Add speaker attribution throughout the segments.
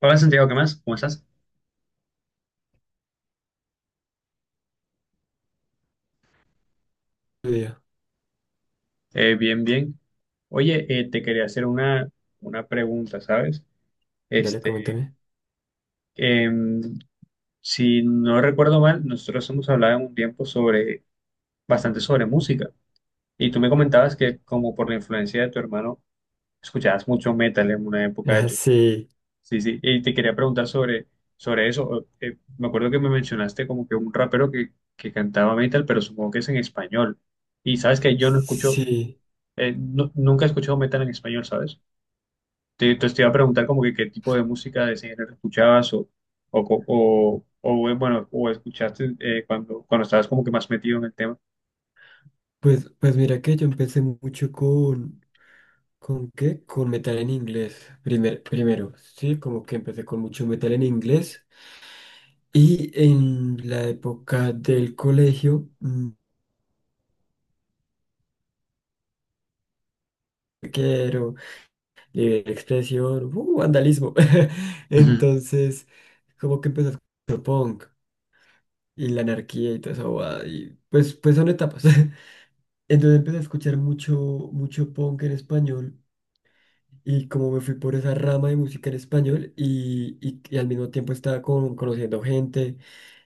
Speaker 1: Hola Santiago, ¿qué más? ¿Cómo estás?
Speaker 2: Video,
Speaker 1: Bien, bien. Oye, te quería hacer una pregunta, ¿sabes?
Speaker 2: dale,
Speaker 1: Este,
Speaker 2: coméntame.
Speaker 1: em, si no recuerdo mal, nosotros hemos hablado en un tiempo bastante sobre música. Y tú me comentabas que como por la influencia de tu hermano, escuchabas mucho metal en una época de
Speaker 2: Ah,
Speaker 1: tu...
Speaker 2: sí,
Speaker 1: Sí, sí, y te quería preguntar sobre eso. O, me acuerdo que me mencionaste como que un rapero que cantaba metal, pero supongo que es en español. Y sabes que yo no escucho.
Speaker 2: sí.
Speaker 1: Nunca he escuchado metal en español, ¿sabes? Entonces te iba a preguntar como que qué tipo de música de ese género escuchabas o, co- o, bueno, o escuchaste cuando, cuando estabas como que más metido en el tema.
Speaker 2: Pues, pues mira que yo empecé mucho ¿con qué? Con metal en inglés. Primer, primero, sí, como que empecé con mucho metal en inglés. Y en la época del colegio, quiero libre expresión, vandalismo.
Speaker 1: Ujú.
Speaker 2: Entonces, como que empezó con punk y la anarquía y toda esa eso. Y pues, pues son etapas. Entonces empecé a escuchar mucho, mucho punk en español y como me fui por esa rama de música en español y al mismo tiempo estaba con, conociendo gente,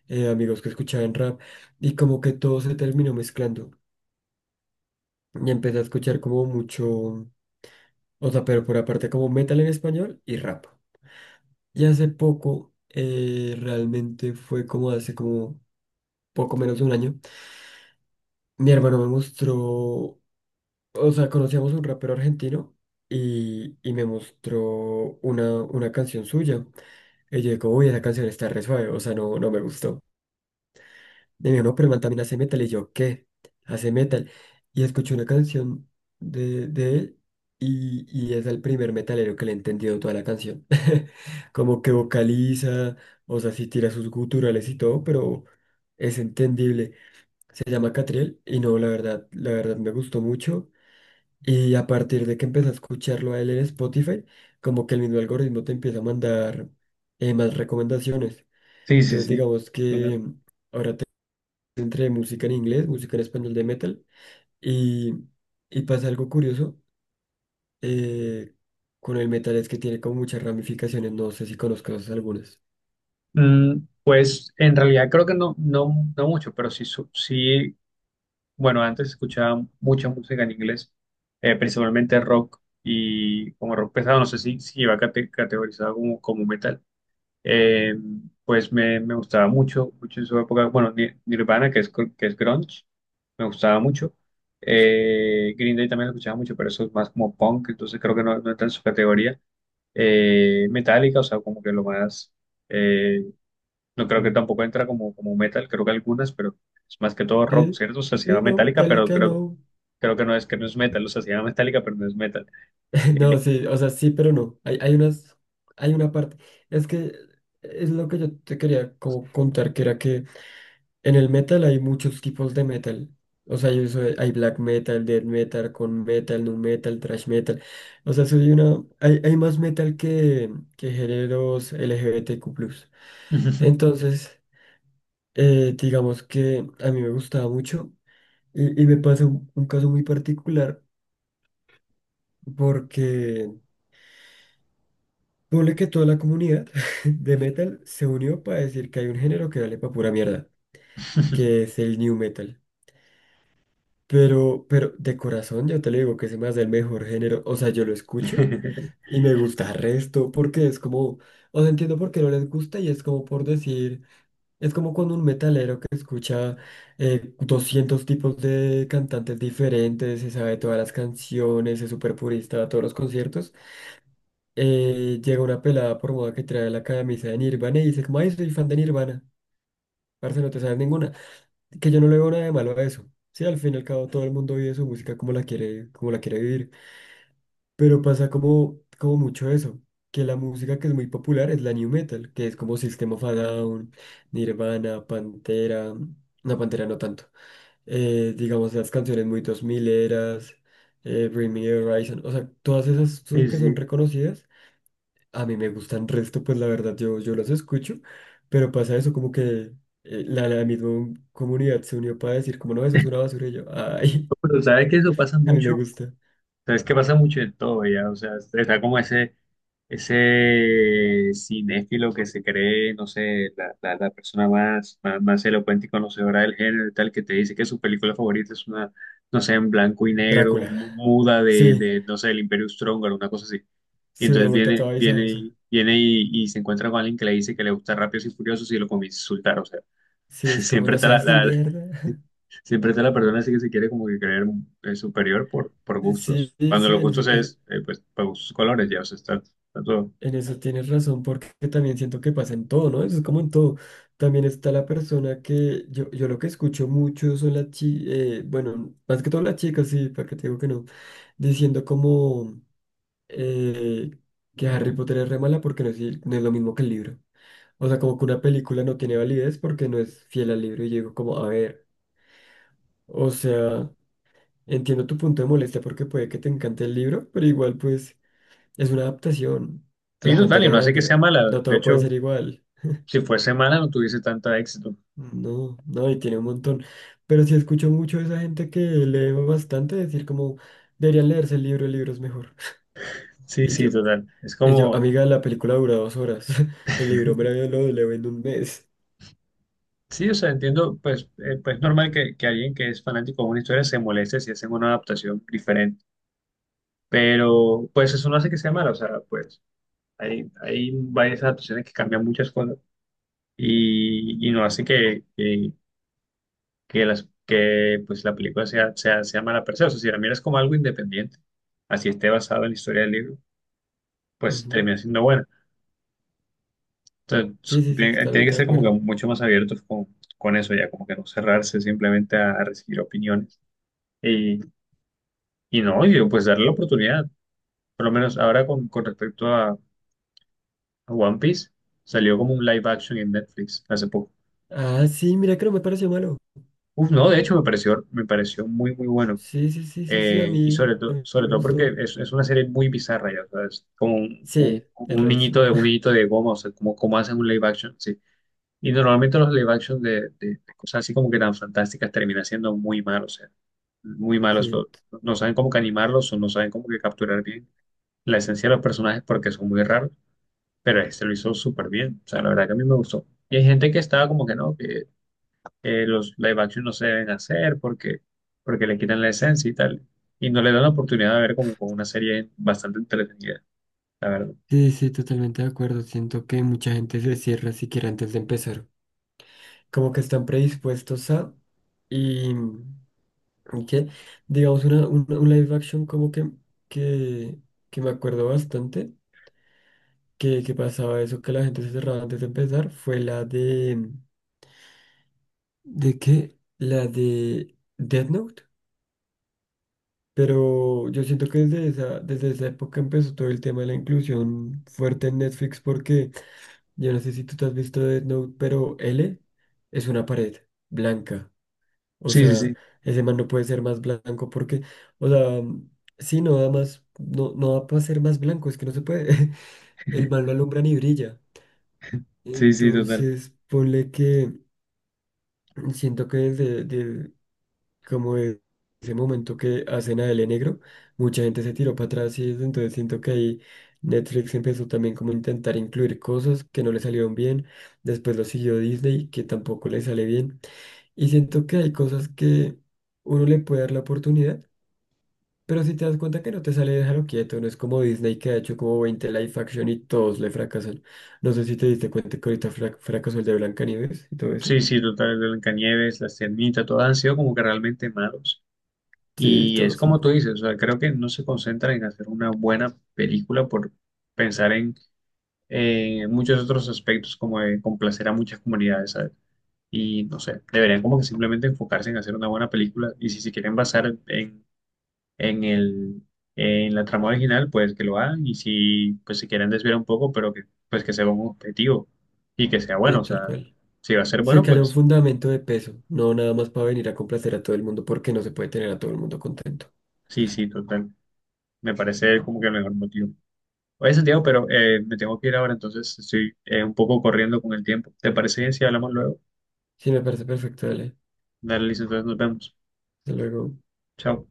Speaker 2: amigos que escuchaban rap y como que todo se terminó mezclando y empecé a escuchar como mucho, o sea, pero por aparte como metal en español y rap. Y hace poco, realmente fue como hace como poco menos de un año, mi hermano me mostró. O sea, conocíamos a un rapero argentino y me mostró una canción suya. Y yo digo, uy, esa canción está re suave, o sea, no, no me gustó. Y me dijo, no, pero el man también hace metal. Y yo, ¿qué? Hace metal. Y escuché una canción de él y es el primer metalero que le he entendido toda la canción. Como que vocaliza, o sea, sí tira sus guturales y todo, pero es entendible. Se llama Catriel y no, la verdad me gustó mucho. Y a partir de que empecé a escucharlo a él en Spotify, como que el mismo algoritmo te empieza a mandar más recomendaciones.
Speaker 1: Sí, sí,
Speaker 2: Entonces,
Speaker 1: sí.
Speaker 2: digamos
Speaker 1: Total.
Speaker 2: que entre música en inglés, música en español de metal, y, y pasa algo curioso eh, con el metal es que tiene como muchas ramificaciones, no sé si conozcas algunas.
Speaker 1: Pues en realidad creo que no, no, no mucho, pero sí, sí, bueno, antes escuchaba mucha música en inglés, principalmente rock y como rock pesado, no sé si iba categorizado como, como metal. Eh, pues me gustaba mucho, mucho en su época, bueno, Nirvana, que es grunge, me gustaba mucho. Green Day también lo escuchaba mucho, pero eso es más como punk, entonces creo que no, no entra en su categoría. Metallica, o sea, como que lo más, eh, no creo que
Speaker 2: Mm.
Speaker 1: tampoco entra como, como metal, creo que algunas, pero es más que todo rock,
Speaker 2: Sí,
Speaker 1: ¿cierto? O sea, se
Speaker 2: sí,
Speaker 1: llama
Speaker 2: no,
Speaker 1: Metallica, pero
Speaker 2: Metallica no.
Speaker 1: creo que no es metal, o sea, se llama Metallica, pero no es metal.
Speaker 2: No,
Speaker 1: Eh,
Speaker 2: sí, o sea, sí, pero no. Hay unas, hay una parte. Es que es lo que yo te quería como contar, que era que en el metal hay muchos tipos de metal. O sea, yo soy, hay black metal, death metal, con metal, nu metal, thrash metal. O sea, soy una, hay más metal que géneros LGBTQ+. Entonces, digamos que a mí me gustaba mucho y me pasa un caso muy particular porque ponle que toda la comunidad de metal se unió para decir que hay un género que vale para pura mierda, que es el new metal. Pero de corazón yo te lo digo que se me hace el mejor género. O sea, yo lo escucho y me gusta el resto porque es como, o sea, entiendo por qué no les gusta y es como por decir, es como cuando un metalero que escucha 200 tipos de cantantes diferentes, se sabe todas las canciones, es súper purista a todos los conciertos, llega una pelada por moda que trae la camisa de Nirvana y dice, como, ay, soy fan de Nirvana. Parce, no te sabes ninguna, que yo no le veo nada de malo a eso. Sí, al fin y al cabo todo el mundo vive su música como la quiere vivir, pero pasa como, como mucho eso, que la música que es muy popular es la new metal, que es como System of a Down, Nirvana, Pantera no tanto, digamos las canciones muy dos mileras, Bring Me the Horizon, o sea, todas esas son
Speaker 1: Sí,
Speaker 2: que son
Speaker 1: sí.
Speaker 2: reconocidas, a mí me gustan resto, pues la verdad yo, yo los escucho, pero pasa eso como que la, la misma comunidad se unió para decir como no, eso es una basura y yo, ay,
Speaker 1: Pero sabes que eso pasa
Speaker 2: a mí me
Speaker 1: mucho.
Speaker 2: gusta.
Speaker 1: Sea, es que pasa mucho de todo ya, o sea, está como ese cinéfilo que se cree, no sé, la persona más, más, más elocuente y conocedora del género y tal, que te dice que su película favorita es una, no sé, en blanco y negro,
Speaker 2: Drácula.
Speaker 1: muda
Speaker 2: Sí,
Speaker 1: de no sé, el Imperio Strong una cosa así. Y
Speaker 2: sí, una
Speaker 1: entonces
Speaker 2: vuelta toda visajosa.
Speaker 1: y se encuentra con alguien que le dice que le gusta Rápidos y Furiosos y lo comienza a insultar, o sea,
Speaker 2: Sí, es como
Speaker 1: siempre
Speaker 2: no
Speaker 1: está la,
Speaker 2: sabes ni
Speaker 1: la-
Speaker 2: mierda.
Speaker 1: Siempre está la persona así que se quiere como que creer superior por
Speaker 2: Sí,
Speaker 1: gustos.
Speaker 2: sí,
Speaker 1: Cuando
Speaker 2: sí,
Speaker 1: los
Speaker 2: en eso,
Speaker 1: gustos
Speaker 2: es-
Speaker 1: es, pues, para gustos colores, ya, o sea, está, está todo.
Speaker 2: en eso tienes razón, porque también siento que pasa en todo, ¿no? Eso es como en todo. También está la persona que yo lo que escucho mucho son las chicas, bueno, más que todo las chicas, sí, para que te digo que no, diciendo como... eh, que Harry Potter es re mala porque no es, el- no es lo mismo que el libro. O sea, como que una película no tiene validez porque no es fiel al libro. Y yo digo como, a ver, o sea, entiendo tu punto de molestia porque puede que te encante el libro, pero igual pues es una adaptación a
Speaker 1: Sí,
Speaker 2: la
Speaker 1: total, y
Speaker 2: pantalla
Speaker 1: no hace que sea
Speaker 2: grande.
Speaker 1: mala.
Speaker 2: No
Speaker 1: De
Speaker 2: todo puede
Speaker 1: hecho,
Speaker 2: ser igual.
Speaker 1: si fuese mala no tuviese tanto éxito.
Speaker 2: No, no, y tiene un montón. Pero sí escucho mucho de esa gente que lee bastante decir como, deberían leerse el libro es mejor.
Speaker 1: Sí,
Speaker 2: Y
Speaker 1: sí,
Speaker 2: yo,
Speaker 1: total. Es
Speaker 2: y yo,
Speaker 1: como,
Speaker 2: amiga, la película dura dos horas. El libro me lo leo en un mes.
Speaker 1: sí, o sea, entiendo, pues, pues es normal que alguien que es fanático de una historia se moleste si hacen una adaptación diferente. Pero, pues, eso no hace que sea mala. O sea, pues, hay varias adaptaciones que cambian muchas cosas y no hace que pues, la película sea mala per se. O sea, si la miras como algo independiente, así esté basado en la historia del libro, pues
Speaker 2: Ujú.
Speaker 1: termina siendo buena.
Speaker 2: Sí,
Speaker 1: Entonces,
Speaker 2: sí, sí,
Speaker 1: tiene que
Speaker 2: totalmente de
Speaker 1: ser como que
Speaker 2: acuerdo.
Speaker 1: mucho más abiertos con eso ya, como que no cerrarse simplemente a recibir opiniones. Y, y no, y pues darle la oportunidad. Por lo menos ahora con respecto a One Piece, salió como un live action en Netflix hace poco.
Speaker 2: Ah, sí, mira que no me pareció malo.
Speaker 1: Uf, no, de hecho me pareció muy, muy bueno.
Speaker 2: Sí, sí, sí, sí, sí,
Speaker 1: Y
Speaker 2: a mí
Speaker 1: sobre
Speaker 2: me
Speaker 1: todo porque
Speaker 2: gustó.
Speaker 1: es una serie muy bizarra, ya, o sea, es como un,
Speaker 2: Sí, es rarísima.
Speaker 1: un niñito de goma, o sea, como, como hacen un live action, sí. Y normalmente los live action de cosas así como que tan fantásticas termina siendo muy malos, o sea, muy malos.
Speaker 2: Sí,
Speaker 1: No saben cómo que animarlos o no saben cómo que capturar bien la esencia de los personajes porque son muy raros, pero este lo hizo súper bien, o sea, la verdad que a mí me gustó. Y hay gente que estaba como que no, los live action no se deben hacer porque le quitan la esencia y tal. Y no le dan la oportunidad de ver como con una serie bastante entretenida, la verdad.
Speaker 2: sí, sí, totalmente de acuerdo. Siento que mucha gente se cierra siquiera antes de empezar. Como que están predispuestos a... Y, y que, digamos, una, un live action como que, que me acuerdo bastante, que pasaba eso, que la gente se cerraba antes de empezar, fue la de... ¿De qué? La de Death Note. Pero yo siento que desde esa época empezó todo el tema de la inclusión fuerte en Netflix porque yo no sé si tú te has visto Death Note, pero L es una pared blanca. O
Speaker 1: Sí, sí,
Speaker 2: sea,
Speaker 1: sí,
Speaker 2: ese man no puede ser más blanco porque, o sea, sí, no da más, no, no da para ser más blanco, es que no se puede. El man no alumbra ni brilla.
Speaker 1: sí, sí, total.
Speaker 2: Entonces, ponle que... Siento que desde, de- como de ese momento que hacen a L Negro, mucha gente se tiró para atrás y desde entonces siento que ahí Netflix empezó también como a intentar incluir cosas que no le salieron bien, después lo siguió Disney, que tampoco le sale bien, y siento que hay cosas que uno le puede dar la oportunidad, pero si te das cuenta que no te sale, déjalo quieto, no es como Disney que ha hecho como 20 live action y todos le fracasan. No sé si te diste cuenta que ahorita frac- fracasó el de Blancanieves y todo eso.
Speaker 1: Sí, sí, total. El Blancanieves, La Sirenita, todas han sido como que realmente malos.
Speaker 2: Sí,
Speaker 1: Y es
Speaker 2: todos,
Speaker 1: como tú dices, o sea, creo que no se concentran en hacer una buena película por pensar en muchos otros aspectos como de complacer a muchas comunidades, ¿sabes? Y no sé, deberían como que simplemente enfocarse en hacer una buena película y si se quieren basar en en el, en la trama original, pues que lo hagan y si pues se quieren desviar un poco, pero que pues que sea un objetivo y que sea
Speaker 2: sí,
Speaker 1: bueno, o
Speaker 2: tal
Speaker 1: sea,
Speaker 2: cual.
Speaker 1: si va a ser
Speaker 2: Se
Speaker 1: bueno,
Speaker 2: cayó un
Speaker 1: pues
Speaker 2: fundamento de peso, no nada más para venir a complacer a todo el mundo, porque no se puede tener a todo el mundo contento.
Speaker 1: sí, sí, total, me parece como que el mejor motivo. Oye, Santiago, pero me tengo que ir ahora, entonces estoy un poco corriendo con el tiempo. ¿Te parece bien si hablamos luego?
Speaker 2: Sí, me parece perfecto, dale.
Speaker 1: Dale, listo, entonces nos vemos.
Speaker 2: Hasta luego.
Speaker 1: Chao.